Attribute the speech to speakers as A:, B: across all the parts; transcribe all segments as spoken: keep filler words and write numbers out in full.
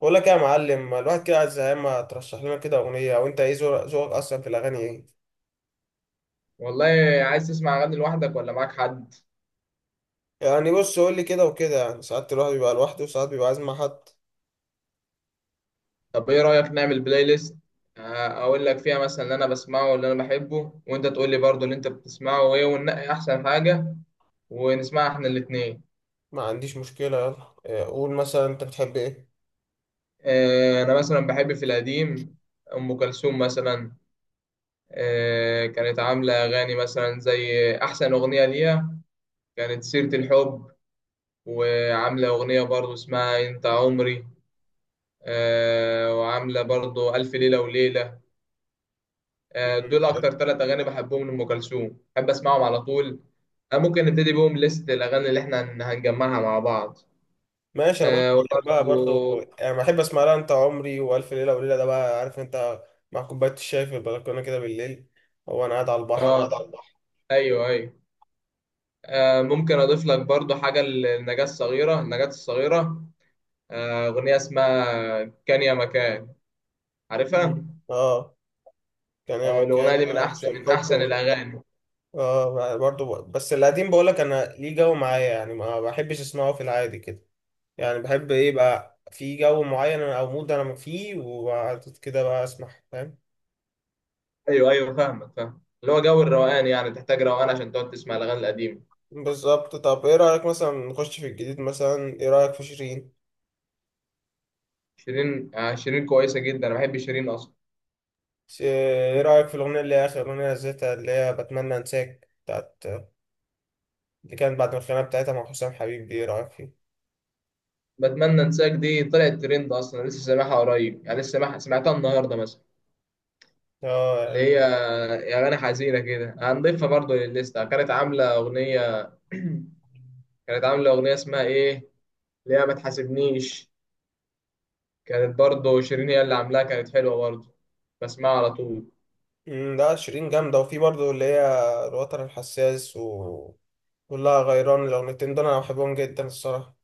A: بقول لك إيه يا معلم؟ ما الواحد كده عايز زهقان، ما ترشح لنا كده اغنيه. او انت ايه ذوق- ذوقك اصلا في الاغاني؟ ايه
B: والله. عايز تسمع اغاني لوحدك ولا معاك حد؟
A: يعني بص، قول لي كده وكده، يعني ساعات الواحد بيبقى لوحده وساعات بيبقى عايز مع حد.
B: طب ايه رايك نعمل بلاي ليست؟ آه، اقول لك فيها مثلا اللي انا بسمعه واللي انا بحبه، وانت تقول لي برضو اللي انت بتسمعه وايه، وننقي احسن حاجه ونسمعها احنا الاثنين.
A: ما عنديش مشكله، يلا إيه، قول مثلا انت بتحب ايه؟
B: انا مثلا بحب في القديم ام كلثوم مثلا. آه، كانت عامله اغاني مثلا زي احسن اغنيه ليها كانت سيره الحب، وعامله اغنيه برضو اسمها انت عمري. آه، وعامله برضو الف ليله وليله. آه،
A: مم،
B: دول
A: حلو.
B: اكتر ثلاث اغاني بحبهم لام كلثوم، بحب اسمعهم على طول. آه، ممكن نبتدي بيهم ليست الاغاني اللي احنا هن- هنجمعها مع بعض.
A: ماشي، انا برضه
B: آه،
A: بحبها
B: وبرضو
A: برضه.
B: مع
A: يعني بحب اسمع لها انت عمري والف ليله وليله، ده بقى عارف انت، مع كوبايه الشاي في البلكونه كده بالليل. هو انا قاعد على
B: بعض.
A: البحر؟
B: اه، على الله. ايوه ايوه. آه، ممكن اضيف لك برضو حاجه للنجاة الصغيره. النجاة الصغيره آه، اغنيه اسمها كان يا مكان، عارفها؟
A: مم. اه. كان هي
B: آه، الاغنيه
A: مكان
B: دي من
A: مع
B: عارف
A: نفسه
B: احسن من
A: الحب.
B: احسن الاغاني.
A: اه، برضه ب- بس القديم بقولك انا ليه جو معايا، يعني ما بحبش اسمعه في العادي كده. يعني بحب ايه بقى، في جو معين او مود انا فيه، وبعد كده بقى اسمع، فاهم.
B: ايوه ايوه، فاهمك، فاهم اللي هو جو الروقان، يعني تحتاج روقان عشان تقعد تسمع الاغاني القديمه.
A: بالظبط. طب ايه رأيك مثلا نخش في الجديد؟ مثلا ايه رأيك في شيرين؟
B: شيرين؟ آه، شيرين كويسه جدا، انا بحب شيرين اصلا.
A: ش- ايه رأيك في الاغنية اللي هي اخر اغنية نزلتها، اللي هي بتمنى انساك بتاعت، اللي كانت بعد الخناقة بتاعتها مع حسام حبيب دي، ايه رأيك فيه؟
B: بتمنى انساك دي طلعت ترند، اصلا لسه سامعها قريب، يعني لسه سامعها، سمعتها النهارده مثلا.
A: اه
B: اللي
A: يعني.
B: هي يا اغاني حزينه كده هنضيفها برضو للليسته. كانت عامله اغنيه كانت عامله اغنيه اسمها ايه اللي هي ما تحاسبنيش، كانت برضو شيرين هي اللي عاملاها، كانت حلوه برضو، بسمعها على طول.
A: مم، لا شيرين جامدة، وفي برضه اللي هي الوتر الحساس و والله غيران، الأغنيتين دول أنا بحبهم جدا الصراحة.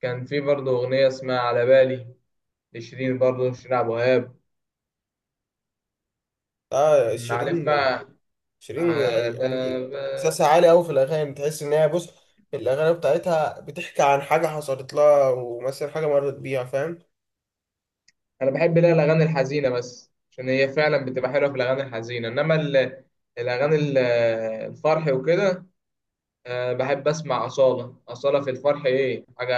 B: كان في برضو اغنيه اسمها على بالي لشيرين، برضو شيرين عبد الوهاب.
A: آه
B: معلف
A: شيرين.
B: بقى.
A: شيرين
B: على
A: يعني إحساسها
B: بالي.
A: عالي أوي في الأغاني، تحس إن هي بص، الأغاني بتاعتها بتحكي عن حاجة حصلت لها ومثلا حاجة مرت بيها، فاهم.
B: انا بحب لا الاغاني الحزينه بس عشان هي فعلا بتبقى حلوه في الاغاني الحزينه، انما ال- الاغاني ال- الفرح وكده. آه، بحب اسمع اصاله، اصاله في الفرح ايه حاجه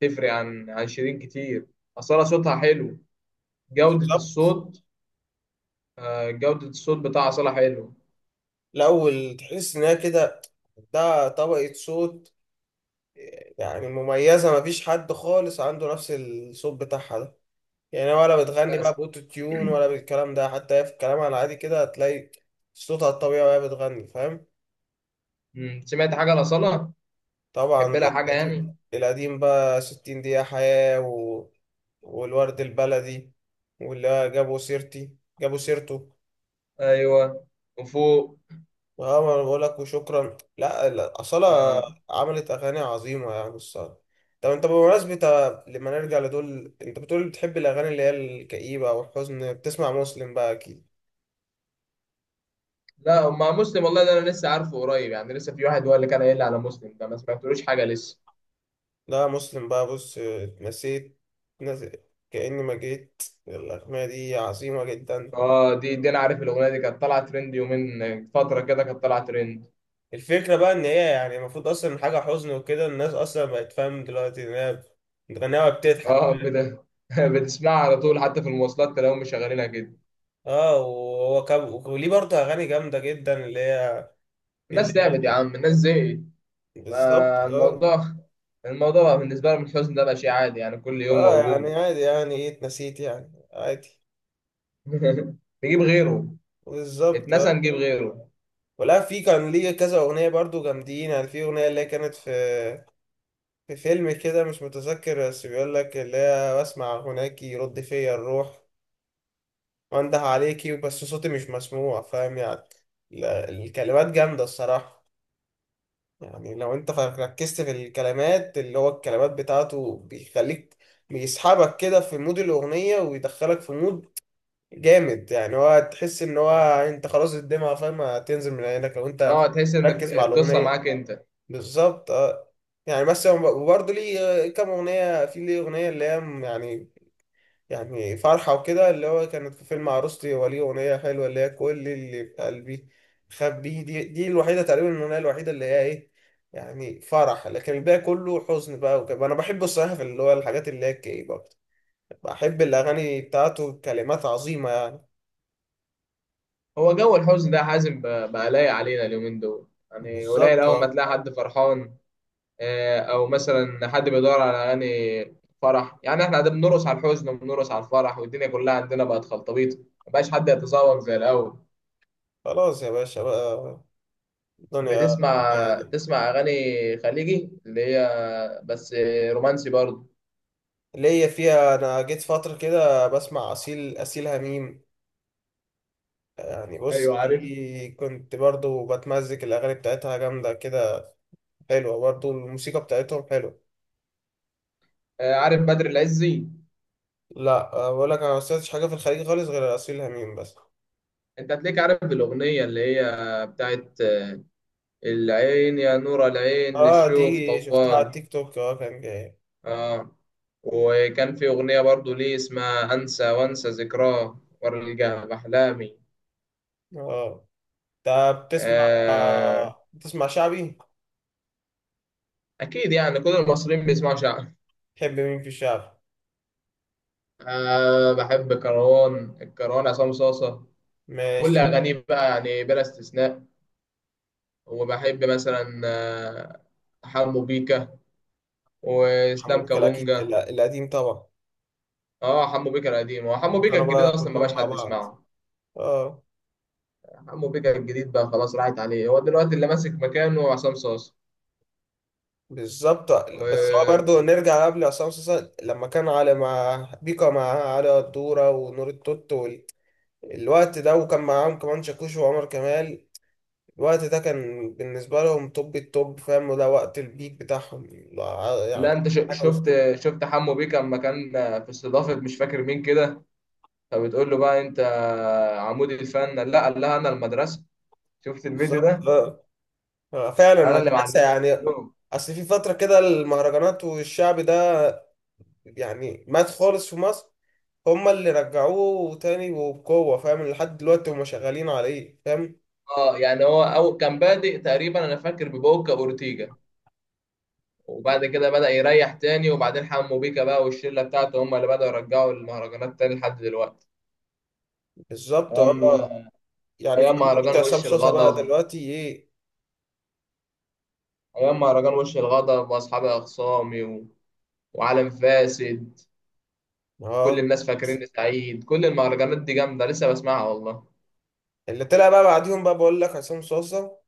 B: تفرق عن عن شيرين كتير. اصاله صوتها حلو، جوده
A: بالظبط.
B: الصوت. آه، جوده الصوت بتاع اصاله حلو.
A: الأول تحس إن هي كده، ده طبقة صوت، يعني مميزة، مفيش حد خالص عنده نفس الصوت بتاعها ده. يعني، ولا بتغني بقى
B: بس.
A: بأوتو تيون ولا بالكلام ده، حتى هي في كلامها العادي كده هتلاقي صوتها الطبيعي وهي بتغني، فاهم.
B: مم، سمعت حاجه لاصاله؟
A: طبعا.
B: تحب لها حاجه
A: القديم.
B: يعني؟
A: القديم بقى ستين دقيقة حياة و... والورد البلدي، واللي جابوا سيرتي جابوا سيرته.
B: ايوه، وفوق.
A: اه، ما انا بقول لك، وشكرا، لا لا، أصالة
B: آه.
A: عملت أغاني عظيمة يعني الصراحة. طب انت بمناسبة آه، لما نرجع لدول، انت بتقول بتحب الأغاني اللي هي الكئيبة أو الحزن، بتسمع مسلم بقى أكيد؟
B: لا مع مسلم والله ده انا لسه عارفه قريب، يعني لسه في واحد هو اللي كان قايل لي على مسلم ده، ما سمعتلوش حاجه لسه.
A: لا، مسلم بقى بص آه، اتنسيت. نز- كأني ما جيت، الأغنية دي عظيمة جدا.
B: اه، دي دي انا عارف الاغنيه دي كانت طالعه ترند يومين، فتره كده كانت طالعه ترند.
A: الفكرة بقى إن هي يعني المفروض أصلا حاجة حزن وكده، الناس أصلا بقت فاهم دلوقتي إن هي بتغنيها وبتضحك.
B: اه بت... بتسمعها على طول، حتى في المواصلات تلاقيهم مشغلينها كده.
A: اه، وهو كاب وليه برضه أغاني جامدة جدا اللي هي،
B: الناس
A: اللي
B: تعبت
A: هي
B: يا عم، الناس زهقت.
A: بالظبط اه.
B: فالموضوع الموضوع بقى بالنسبه لهم الحزن ده بقى شيء عادي، يعني كل يوم
A: اه، يعني
B: موجود.
A: عادي، يعني ايه، اتنسيت، يعني عادي.
B: نجيب غيره.
A: بالظبط اه.
B: اتنسى نجيب غيره.
A: ولا في كان ليه كذا أغنية برضه جامدين، يعني في أغنية اللي هي كانت في في فيلم كده مش متذكر، بس بيقول لك اللي هي بسمع هناك يرد فيا الروح، وانده عليكي بس صوتي مش مسموع، فاهم يعني. ال- الكلمات جامدة الصراحة. يعني لو انت ركزت في الكلمات، اللي هو الكلمات بتاعته بيخليك، بيسحبك كده في مود الأغنية ويدخلك في مود جامد، يعني هو تحس ان هو، انت خلاص الدمعة، فاهم، هتنزل من عينك لو انت
B: اه، تحس ان
A: ركز
B: الق-
A: مع
B: القصه
A: الأغنية.
B: معاك انت.
A: بالظبط اه. يعني بس هو برضه ليه كام أغنية، في ليه أغنية اللي هي يعني، يعني فرحة وكده اللي هو كانت في فيلم عروستي، وليه أغنية حلوة اللي هي كل اللي في قلبي خبيه، دي دي الوحيدة تقريبا، الأغنية الوحيدة اللي هي إيه، يعني فرح، لكن الباقي كله حزن بقى وكده، أنا بحب الصراحة في اللي هو الحاجات اللي هي الكئيبة أكتر. بحب الأغاني بتاعته، كلمات عظيمة يعني.
B: هو جو الحزن ده يا حازم بقى بقى لايق علينا اليومين دول، يعني قليل
A: بالظبط
B: اول ما
A: آه.
B: تلاقي حد فرحان. آه، او مثلا حد بيدور على اغاني فرح. يعني احنا قاعدين بنرقص على الحزن وبنرقص على الفرح، والدنيا كلها عندنا بقت خلطبيط، مبقاش حد يتذوق زي الاول.
A: خلاص يا باشا بقى. الدنيا،
B: بتسمع
A: يعني،
B: تسمع اغاني خليجي اللي هي بس آه، رومانسي برضه؟
A: ليا فيها، أنا جيت فترة كده بسمع أصيل أصيل هميم. يعني بص
B: ايوه عارف.
A: دي كنت برضو بتمزج، الأغاني بتاعتها جامدة كده، حلوة برضه، الموسيقى بتاعتهم حلوة.
B: آه، عارف بدر العزي؟
A: لا، آه، بقول لك انا ما سمعتش حاجة في الخليج خالص غير أصيل هميم بس.
B: انت هتلاقيك عارف الاغنيه اللي هي بتاعت آه، العين يا نور العين
A: اه،
B: للشوف
A: دي شفتها على
B: طواق.
A: التيك توك، اه كان جاي.
B: اه، وكان في اغنيه برضه ليه اسمها انسى وانسى ذكراه وارجع باحلامي.
A: اه، انت بتسمع،
B: آه،
A: آه بتسمع شعبي؟
B: أكيد يعني كل المصريين بيسمعوا شعبي.
A: تحب مين في الشعب؟
B: أه بحب كروان، الكروان عصام صاصة، كل
A: ماشي.
B: أغانيه بقى يعني بلا استثناء. وبحب مثلا آه، حمو بيكا
A: حمو
B: وإسلام
A: بيكا الأكيد، ال-
B: كابونجا.
A: القديم طبعا.
B: اه، حمو بيكا القديم، هو حمو بيكا
A: كانوا
B: الجديد
A: بقى
B: أصلا ما
A: كلهم
B: بقاش
A: مع
B: حد
A: بعض.
B: يسمعه.
A: اه.
B: حمو بيكا الجديد بقى خلاص راحت عليه، هو دلوقتي اللي ماسك مكانه عصام صاصة
A: بالظبط. بس هو
B: و...
A: برضه، نرجع قبل عصام صاصا لما كان علي مع بيكا، مع علي الدورة ونور التوت وال- الوقت ده، وكان معاهم كمان شاكوش وعمر كمال. الوقت ده كان بالنسبة لهم توب التوب، فاهم، وده وقت البيك بتاعهم. لا-
B: لا
A: يعني
B: انت ش-
A: حاجة
B: شفت،
A: وصلت-
B: شفت حمو بيكا لما كان في استضافة مش فاكر مين كده، فبتقول له بقى انت عمود الفن، لا قال لها انا المدرسه. شفت الفيديو
A: بالظبط
B: ده؟
A: آه. آه، فعلا
B: انا اللي
A: المدرسة
B: معلمه
A: يعني.
B: كلهم.
A: أصل في فترة كده المهرجانات والشعب ده يعني مات خالص في مصر، هما اللي رجعوه تاني وبقوة، فاهم، لحد دلوقتي هما شغالين عليه، فاهم.
B: اه يعني هو أو كان بادئ تقريبا انا فاكر ببوكا اورتيجا، وبعد كده بدأ يريح تاني، وبعدين حمو بيكا بقى والشله بتاعته هم اللي بدأوا يرجعوا المهرجانات تاني لحد دلوقتي.
A: بالظبط اه.
B: ايام،
A: يعني
B: ايام
A: كمان دلوقتي
B: مهرجان
A: عصام
B: وش
A: صوصة بقى
B: الغضب.
A: دلوقتي ايه.
B: ايام مهرجان وش الغضب واصحابي اخصامي و... وعالم فاسد. كل
A: اه.
B: الناس فاكريني سعيد. كل المهرجانات دي جامده لسه بسمعها والله.
A: اللي طلع بقى بعديهم بقى بقول لك عصام صوصة،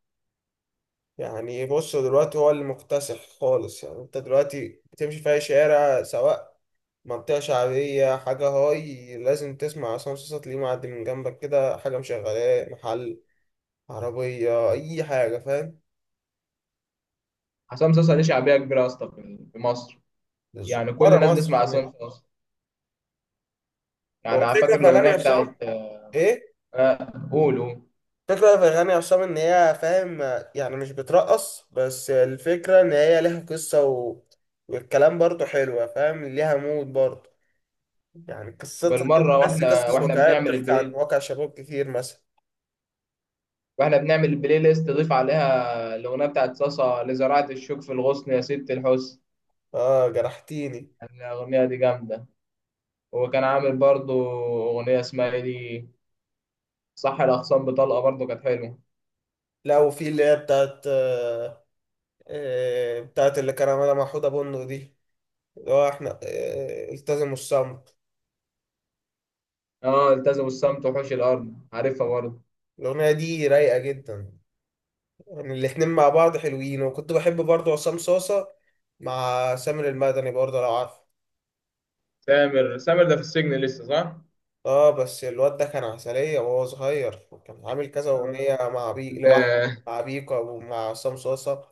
A: يعني بص، دلوقتي هو اللي مكتسح خالص، يعني انت دلوقتي بتمشي في اي شارع، سواء منطقة شعبية، حاجة هاي، لازم تسمع عصام صاصا، تلاقيه معدي من جنبك كده، حاجة مشغلاه، محل، عربية، أي حاجة، فاهم.
B: حسام صاصا ليه شعبيه كبيره يا اسطى في في مصر؟
A: بالظبط،
B: يعني كل
A: بره
B: الناس
A: مصر
B: بتسمع
A: كمان.
B: عصام صاصا.
A: هو
B: يعني على
A: الفكرة
B: فاكر
A: في أغاني
B: الأغنية
A: عصام
B: بتاعت
A: إيه؟
B: آه، قولوا.
A: الفكرة في أغاني عصام إن هي، فاهم، يعني مش بترقص بس، الفكرة إن هي ليها قصة و... والكلام برضه حلوة، فاهم، ليها مود برضه، يعني قصتها كده
B: بالمرة
A: تحس
B: واحنا
A: قصص
B: واحنا
A: واقعية
B: بنعمل
A: بتحكي عن
B: البلاي،
A: واقع شباب كتير مثلا.
B: واحنا بنعمل البلاي ليست ضيف عليها الأغنية بتاعت صاصا لزراعة الشوك في الغصن يا ست الحسن.
A: اه، جرحتيني.
B: الأغنية دي جامدة. وكان عامل برضو أغنية اسمها إيه دي، صح، الأخصام بطلقة برضو كانت حلوة.
A: لا وفي اللي هي بتاعت آه آه بتاعت اللي كان عملها مع حوده بندق دي، اللي هو احنا آه التزموا الصمت.
B: اه التزموا الصمت وحوش الأرض عارفها برضو.
A: الأغنية دي رايقة جدا، يعني الاتنين مع بعض حلوين. وكنت بحب برضه عصام صاصة مع سامر المدني برضه، لو عارفه.
B: سامر سامر ده في السجن لسه صح؟
A: اه، بس الواد ده كان عسلية وهو صغير، كان عامل كذا أغنية مع بي لوحده،
B: آه.
A: مع بيكا ومع عصام صاصة،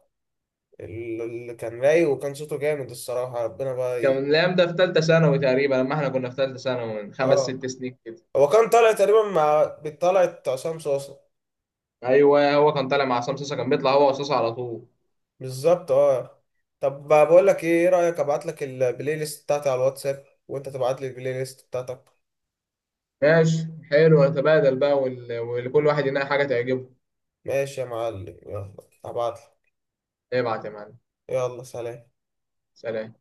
A: اللي كان رايق وكان صوته جامد الصراحة، ربنا بقى
B: كان
A: ي...
B: الكلام ده في ثالثه ثانوي تقريبا لما احنا كنا في ثالثه ثانوي، من خمس ست
A: اه،
B: سنين كده.
A: هو كان طالع تقريبا مع، طلعت عصام صوصة.
B: ايوه هو كان طالع مع عصام صاصا، كان بيطلع هو وصاصا على طول.
A: بالظبط اه. طب بقول لك ايه، إيه رأيك ابعت لك البلاي ليست بتاعتي على الواتساب وانت تبعت لي البلاي ليست بتاعتك؟
B: ماشي حلو، نتبادل بقى، وال... وكل واحد ينقي حاجه تعجبه.
A: ماشي يا معلم، يلا هبعت لك.
B: ابعت يا معلم.
A: يلا سلام.
B: سلام.